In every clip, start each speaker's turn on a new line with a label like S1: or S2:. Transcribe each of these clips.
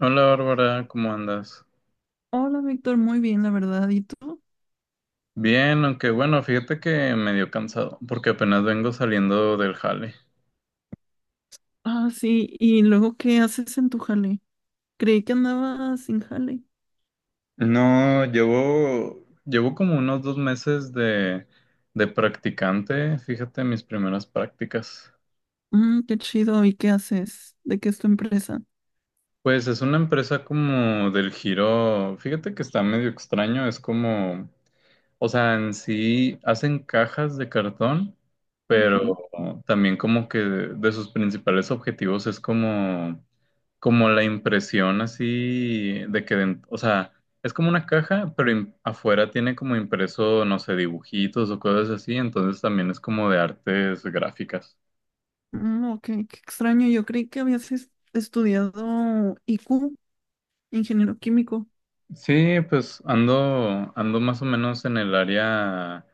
S1: Hola Bárbara, ¿cómo andas?
S2: Hola, Víctor, muy bien, la verdad. ¿Y tú?
S1: Bien, aunque bueno, fíjate que medio cansado porque apenas vengo saliendo del jale.
S2: Ah, sí. ¿Y luego qué haces en tu jale? Creí que andabas sin jale.
S1: No, llevo como unos 2 meses de practicante, fíjate mis primeras prácticas.
S2: Mm, qué chido. ¿Y qué haces? ¿De qué es tu empresa?
S1: Pues es una empresa como del giro, fíjate que está medio extraño, es como, o sea, en sí hacen cajas de cartón, pero
S2: Ujú.
S1: también como que de sus principales objetivos es como la impresión así de que, o sea, es como una caja, pero afuera tiene como impreso, no sé, dibujitos o cosas así, entonces también es como de artes gráficas.
S2: Mm, ok, qué extraño. Yo creí que habías es- estudiado IQ, ingeniero químico.
S1: Sí, pues ando, ando más o menos en el área,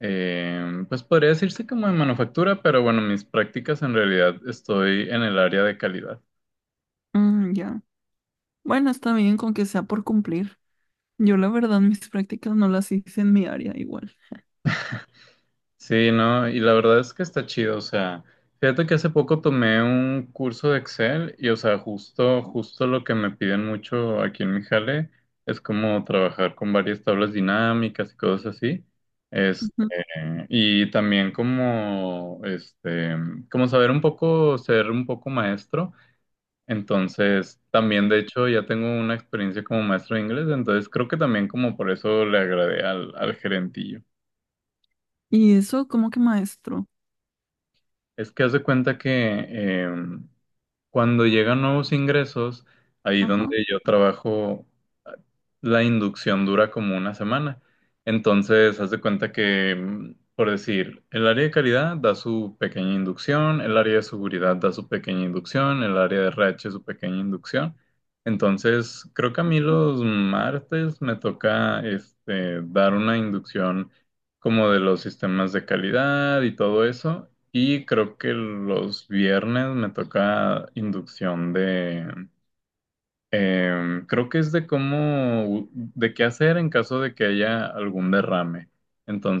S1: pues podría decirse como de manufactura, pero bueno, mis prácticas en realidad estoy en el área de calidad.
S2: Mm, ya. Bueno, está bien con que sea por cumplir. Yo la verdad mis prácticas no las hice en mi área igual.
S1: Sí, no, y la verdad es que está chido, o sea, fíjate que hace poco tomé un curso de Excel y, o sea, justo lo que me piden mucho aquí en mi jale es como trabajar con varias tablas dinámicas y cosas así, este,
S2: Ujú.
S1: y también como, como saber un poco, ser un poco maestro, entonces también de hecho ya tengo una experiencia como maestro de inglés, entonces creo que también como por eso le agradé al, al gerentillo.
S2: Y eso como que maestro.
S1: Es que haz de cuenta que em, cuando llegan nuevos ingresos, ahí
S2: Ajá.
S1: donde yo trabajo, ah, la inducción dura como 1 semana. Entonces, haz de cuenta que, por decir, el área de calidad da su pequeña inducción, el área de seguridad da su pequeña inducción, el área de RH su pequeña inducción. Entonces, creo que a mí los martes me toca dar una inducción como de los sistemas de calidad y todo eso. Y creo que los viernes me toca inducción de, creo que es de cómo, de qué hacer en caso de que haya algún derrame.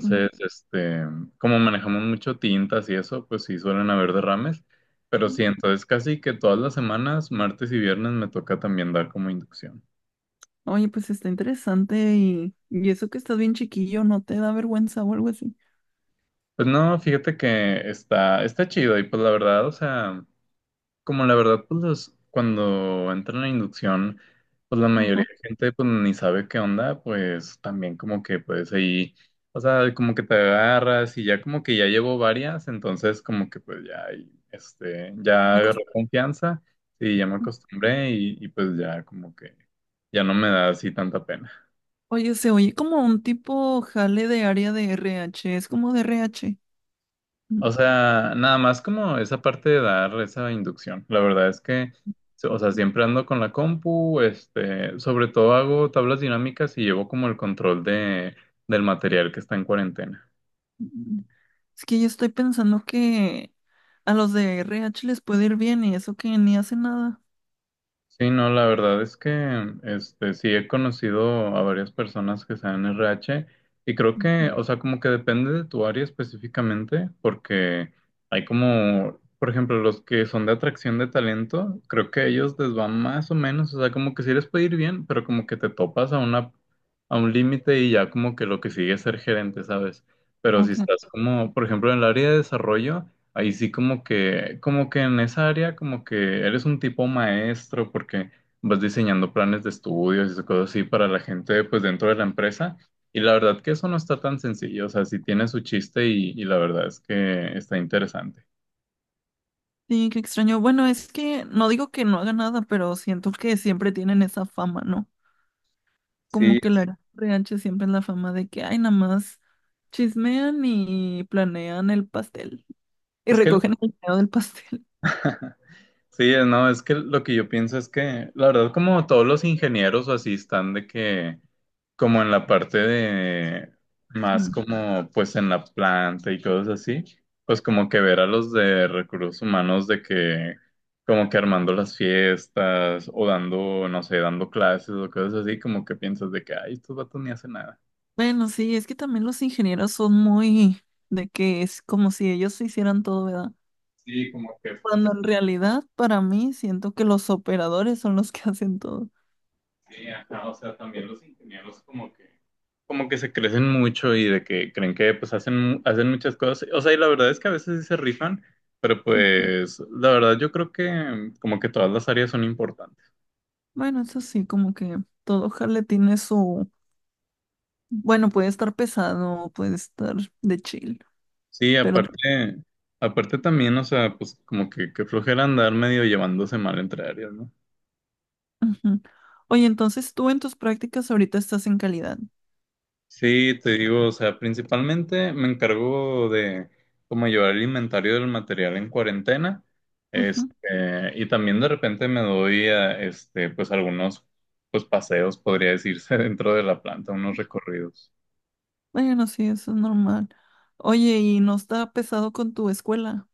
S2: Ujú.
S1: como manejamos mucho tintas y eso, pues sí suelen haber derrames. Pero sí, entonces casi que todas las semanas, martes y viernes, me toca también dar como inducción.
S2: Oye, pues está interesante y eso que estás bien chiquillo, ¿no te da vergüenza o algo así?
S1: Pues no, fíjate que está, está chido y pues la verdad, o sea. Como la verdad, pues cuando entra en la inducción, pues la mayoría
S2: Ajá.
S1: de gente pues ni sabe qué onda, pues también como que pues ahí, o sea, como que te agarras y ya como que ya llevo varias, entonces como que pues ya, ahí, ya
S2: Una cosa...
S1: agarré confianza y ya me acostumbré y pues ya como que ya no me da así tanta pena.
S2: Oye, se oye como un tipo jale de área de RH, es como de RH. Mm.
S1: O sea, nada más como esa parte de dar esa inducción. La verdad es que, o sea, siempre ando con la compu, sobre todo hago tablas dinámicas y llevo como el control de, del material que está en cuarentena.
S2: Mm, Es que yo estoy pensando que a los de RH les puede ir bien y eso que ni hacen nada.
S1: Sí, no, la verdad es que este sí he conocido a varias personas que sean RH y creo
S2: Mm.
S1: que, o sea, como que depende de tu área específicamente, porque hay como, por ejemplo, los que son de atracción de talento, creo que a ellos les va más o menos, o sea, como que sí les puede ir bien, pero como que te topas a una a un límite y ya como que lo que sigue es ser gerente, ¿sabes? Pero si
S2: Ok.
S1: estás como, por ejemplo, en el área de desarrollo, ahí sí como que en esa área como que eres un tipo maestro porque vas diseñando planes de estudios y cosas así para la gente pues dentro de la empresa. Y la verdad que eso no está tan sencillo, o sea, sí tiene su chiste y la verdad es que está interesante.
S2: Sí, qué extraño. Bueno, es que no digo que no haga nada, pero siento que siempre tienen esa fama, ¿no?
S1: Sí,
S2: Como que la RH siempre es la fama de que, ay, nada más chismean y planean el pastel y
S1: es que,
S2: recogen el dinero del pastel.
S1: sí, no, es que lo que yo pienso es que, la verdad, como todos los ingenieros o así están de que, como en la parte de,
S2: Sí.
S1: más como pues en la planta y cosas así, pues como que ver a los de recursos humanos de que, como que armando las fiestas o dando, no sé, dando clases o cosas así, como que piensas de que, ay, estos vatos ni hacen nada.
S2: Bueno, sí, es que también los ingenieros son muy de que es como si ellos hicieran todo, ¿verdad?
S1: Sí, como que pues
S2: Cuando en realidad para mí siento que los operadores son los que hacen todo.
S1: sí, ajá, o sea, también los ingenieros como que se crecen mucho y de que creen que pues hacen, hacen muchas cosas. O sea, y la verdad es que a veces sí se rifan, pero
S2: Mm.
S1: pues la verdad yo creo que como que todas las áreas son importantes.
S2: Bueno, eso sí, como que todo jale tiene su... Bueno, puede estar pesado, puede estar de chill,
S1: Sí,
S2: pero...
S1: aparte, aparte también, o sea, pues como que flojera andar medio llevándose mal entre áreas, ¿no?
S2: Ujú. Oye, entonces tú en tus prácticas ahorita estás en calidad.
S1: Sí, te digo, o sea, principalmente me encargo de como llevar el inventario del material en cuarentena,
S2: Ujú.
S1: este, y también de repente me doy a, pues algunos, pues paseos, podría decirse, dentro de la planta, unos recorridos.
S2: Bueno, sí, eso es normal. Oye, ¿y no está pesado con tu escuela?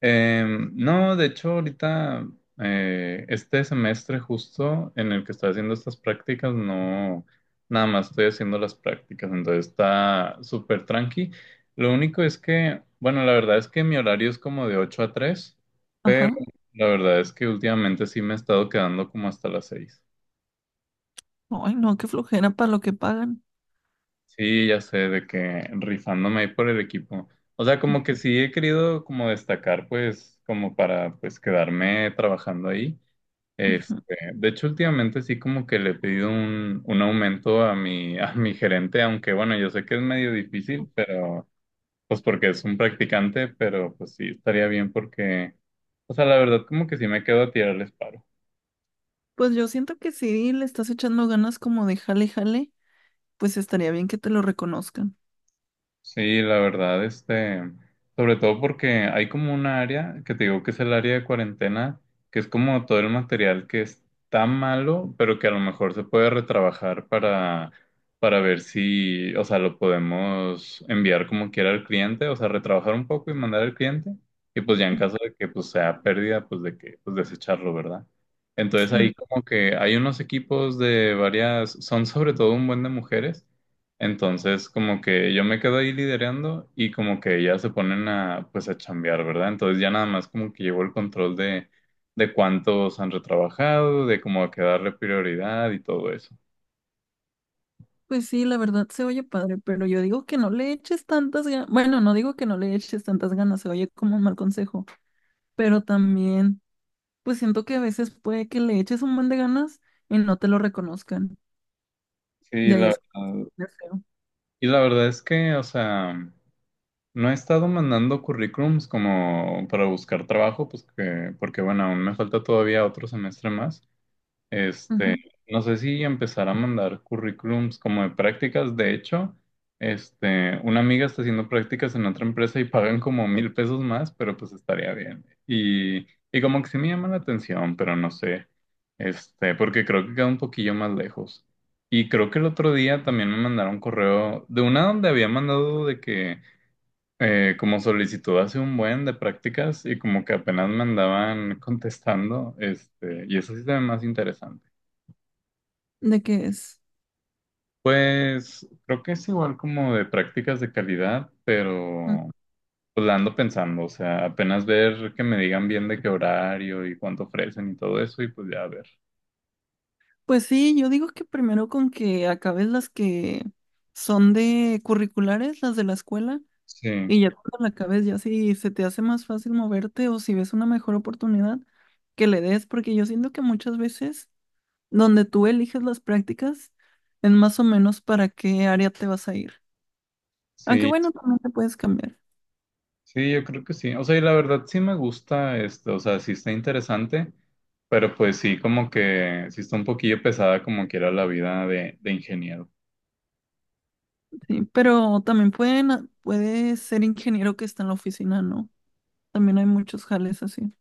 S1: No, de hecho, ahorita, este semestre justo en el que estoy haciendo estas prácticas, no, nada más estoy haciendo las prácticas, entonces está súper tranqui. Lo único es que, bueno, la verdad es que mi horario es como de 8 a 3, pero
S2: Ajá.
S1: la verdad es que últimamente sí me he estado quedando como hasta las 6.
S2: Ay, no, qué flojera para lo que pagan.
S1: Sí, ya sé, de que rifándome ahí por el equipo. O sea, como que sí he querido como destacar, pues, como para, pues, quedarme trabajando ahí. Este,
S2: Ujú.
S1: de hecho, últimamente sí como que le he pedido un aumento a mi, a mi gerente, aunque bueno, yo sé que es medio difícil, pero pues porque es un practicante, pero pues sí estaría bien porque, o sea, la verdad como que sí me quedo a tirarles paro.
S2: Pues yo siento que si le estás echando ganas como de jale, jale, pues estaría bien que te lo reconozcan.
S1: Sí, la verdad, sobre todo porque hay como un área que te digo que es el área de cuarentena, que es como todo el material que está malo, pero que a lo mejor se puede retrabajar para ver si, o sea, lo podemos enviar como quiera al cliente, o sea, retrabajar un poco y mandar al cliente, y pues ya en caso de que pues sea pérdida, pues de que, pues desecharlo, ¿verdad? Entonces
S2: Sí,
S1: ahí como que hay unos equipos de varias, son sobre todo un buen de mujeres. Entonces, como que yo me quedo ahí liderando y como que ya se ponen a, pues, a chambear, ¿verdad? Entonces ya nada más como que llevo el control de cuántos han retrabajado, de cómo a qué darle prioridad y todo eso.
S2: pues sí, la verdad se oye padre, pero yo digo que no le eches tantas ganas. Bueno, no digo que no le eches tantas ganas, se oye como un mal consejo, pero también, pues siento que a veces puede que le eches un buen de ganas y no te lo reconozcan.
S1: Sí,
S2: Ya
S1: la
S2: es
S1: verdad.
S2: de feo.
S1: Y la verdad es que, o sea, no he estado mandando currículums como para buscar trabajo, pues que, porque bueno, aún me falta todavía otro semestre más. Este,
S2: Ujú.
S1: no sé si empezar a mandar currículums como de prácticas. De hecho, una amiga está haciendo prácticas en otra empresa y pagan como 1000 pesos más, pero pues estaría bien. Y como que sí me llama la atención, pero no sé. Porque creo que queda un poquillo más lejos. Y creo que el otro día también me mandaron correo de una donde había mandado de que como solicitud hace un buen de prácticas y como que apenas me andaban contestando, y eso sí se ve más interesante.
S2: ¿De qué es?
S1: Pues creo que es igual como de prácticas de calidad,
S2: Mm.
S1: pero pues la ando pensando, o sea, apenas ver que me digan bien de qué horario y cuánto ofrecen y todo eso y pues ya a ver.
S2: Pues sí, yo digo que primero con que acabes las que son de curriculares, las de la escuela,
S1: Sí,
S2: y ya cuando la cabeza ya si se te hace más fácil moverte o si ves una mejor oportunidad, que le des, porque yo siento que muchas veces donde tú eliges las prácticas es más o menos para qué área te vas a ir. Aunque
S1: sí,
S2: bueno, también te puedes cambiar,
S1: sí, yo creo que sí. O sea, y la verdad sí me gusta esto, o sea, sí está interesante, pero pues sí como que sí está un poquillo pesada como que era la vida de ingeniero.
S2: sí, pero también pueden, a- puedes ser ingeniero que está en la oficina, ¿no? También hay muchos jales así,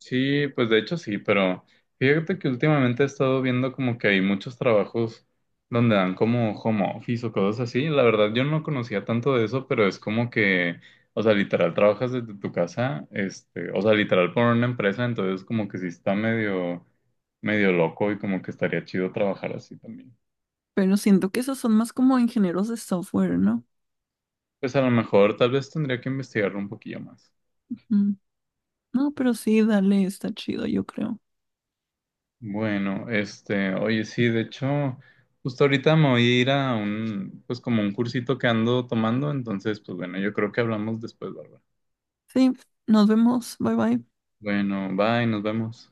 S1: Sí, pues de hecho sí, pero fíjate que últimamente he estado viendo como que hay muchos trabajos donde dan como home office o cosas así. La verdad yo no conocía tanto de eso, pero es como que, o sea, literal trabajas desde tu casa, o sea, literal por una empresa, entonces como que sí está medio, medio loco y como que estaría chido trabajar así también.
S2: pero siento que esos son más como ingenieros de software, ¿no?
S1: Pues a lo mejor tal vez tendría que investigarlo un poquillo más.
S2: Mm, no, pero sí, dale, está chido, yo creo.
S1: Bueno, oye, sí, de hecho, justo ahorita me voy a ir a un, pues como un cursito que ando tomando, entonces, pues bueno, yo creo que hablamos después, Bárbara.
S2: Sí, nos vemos, bye bye.
S1: Bueno, bye, nos vemos.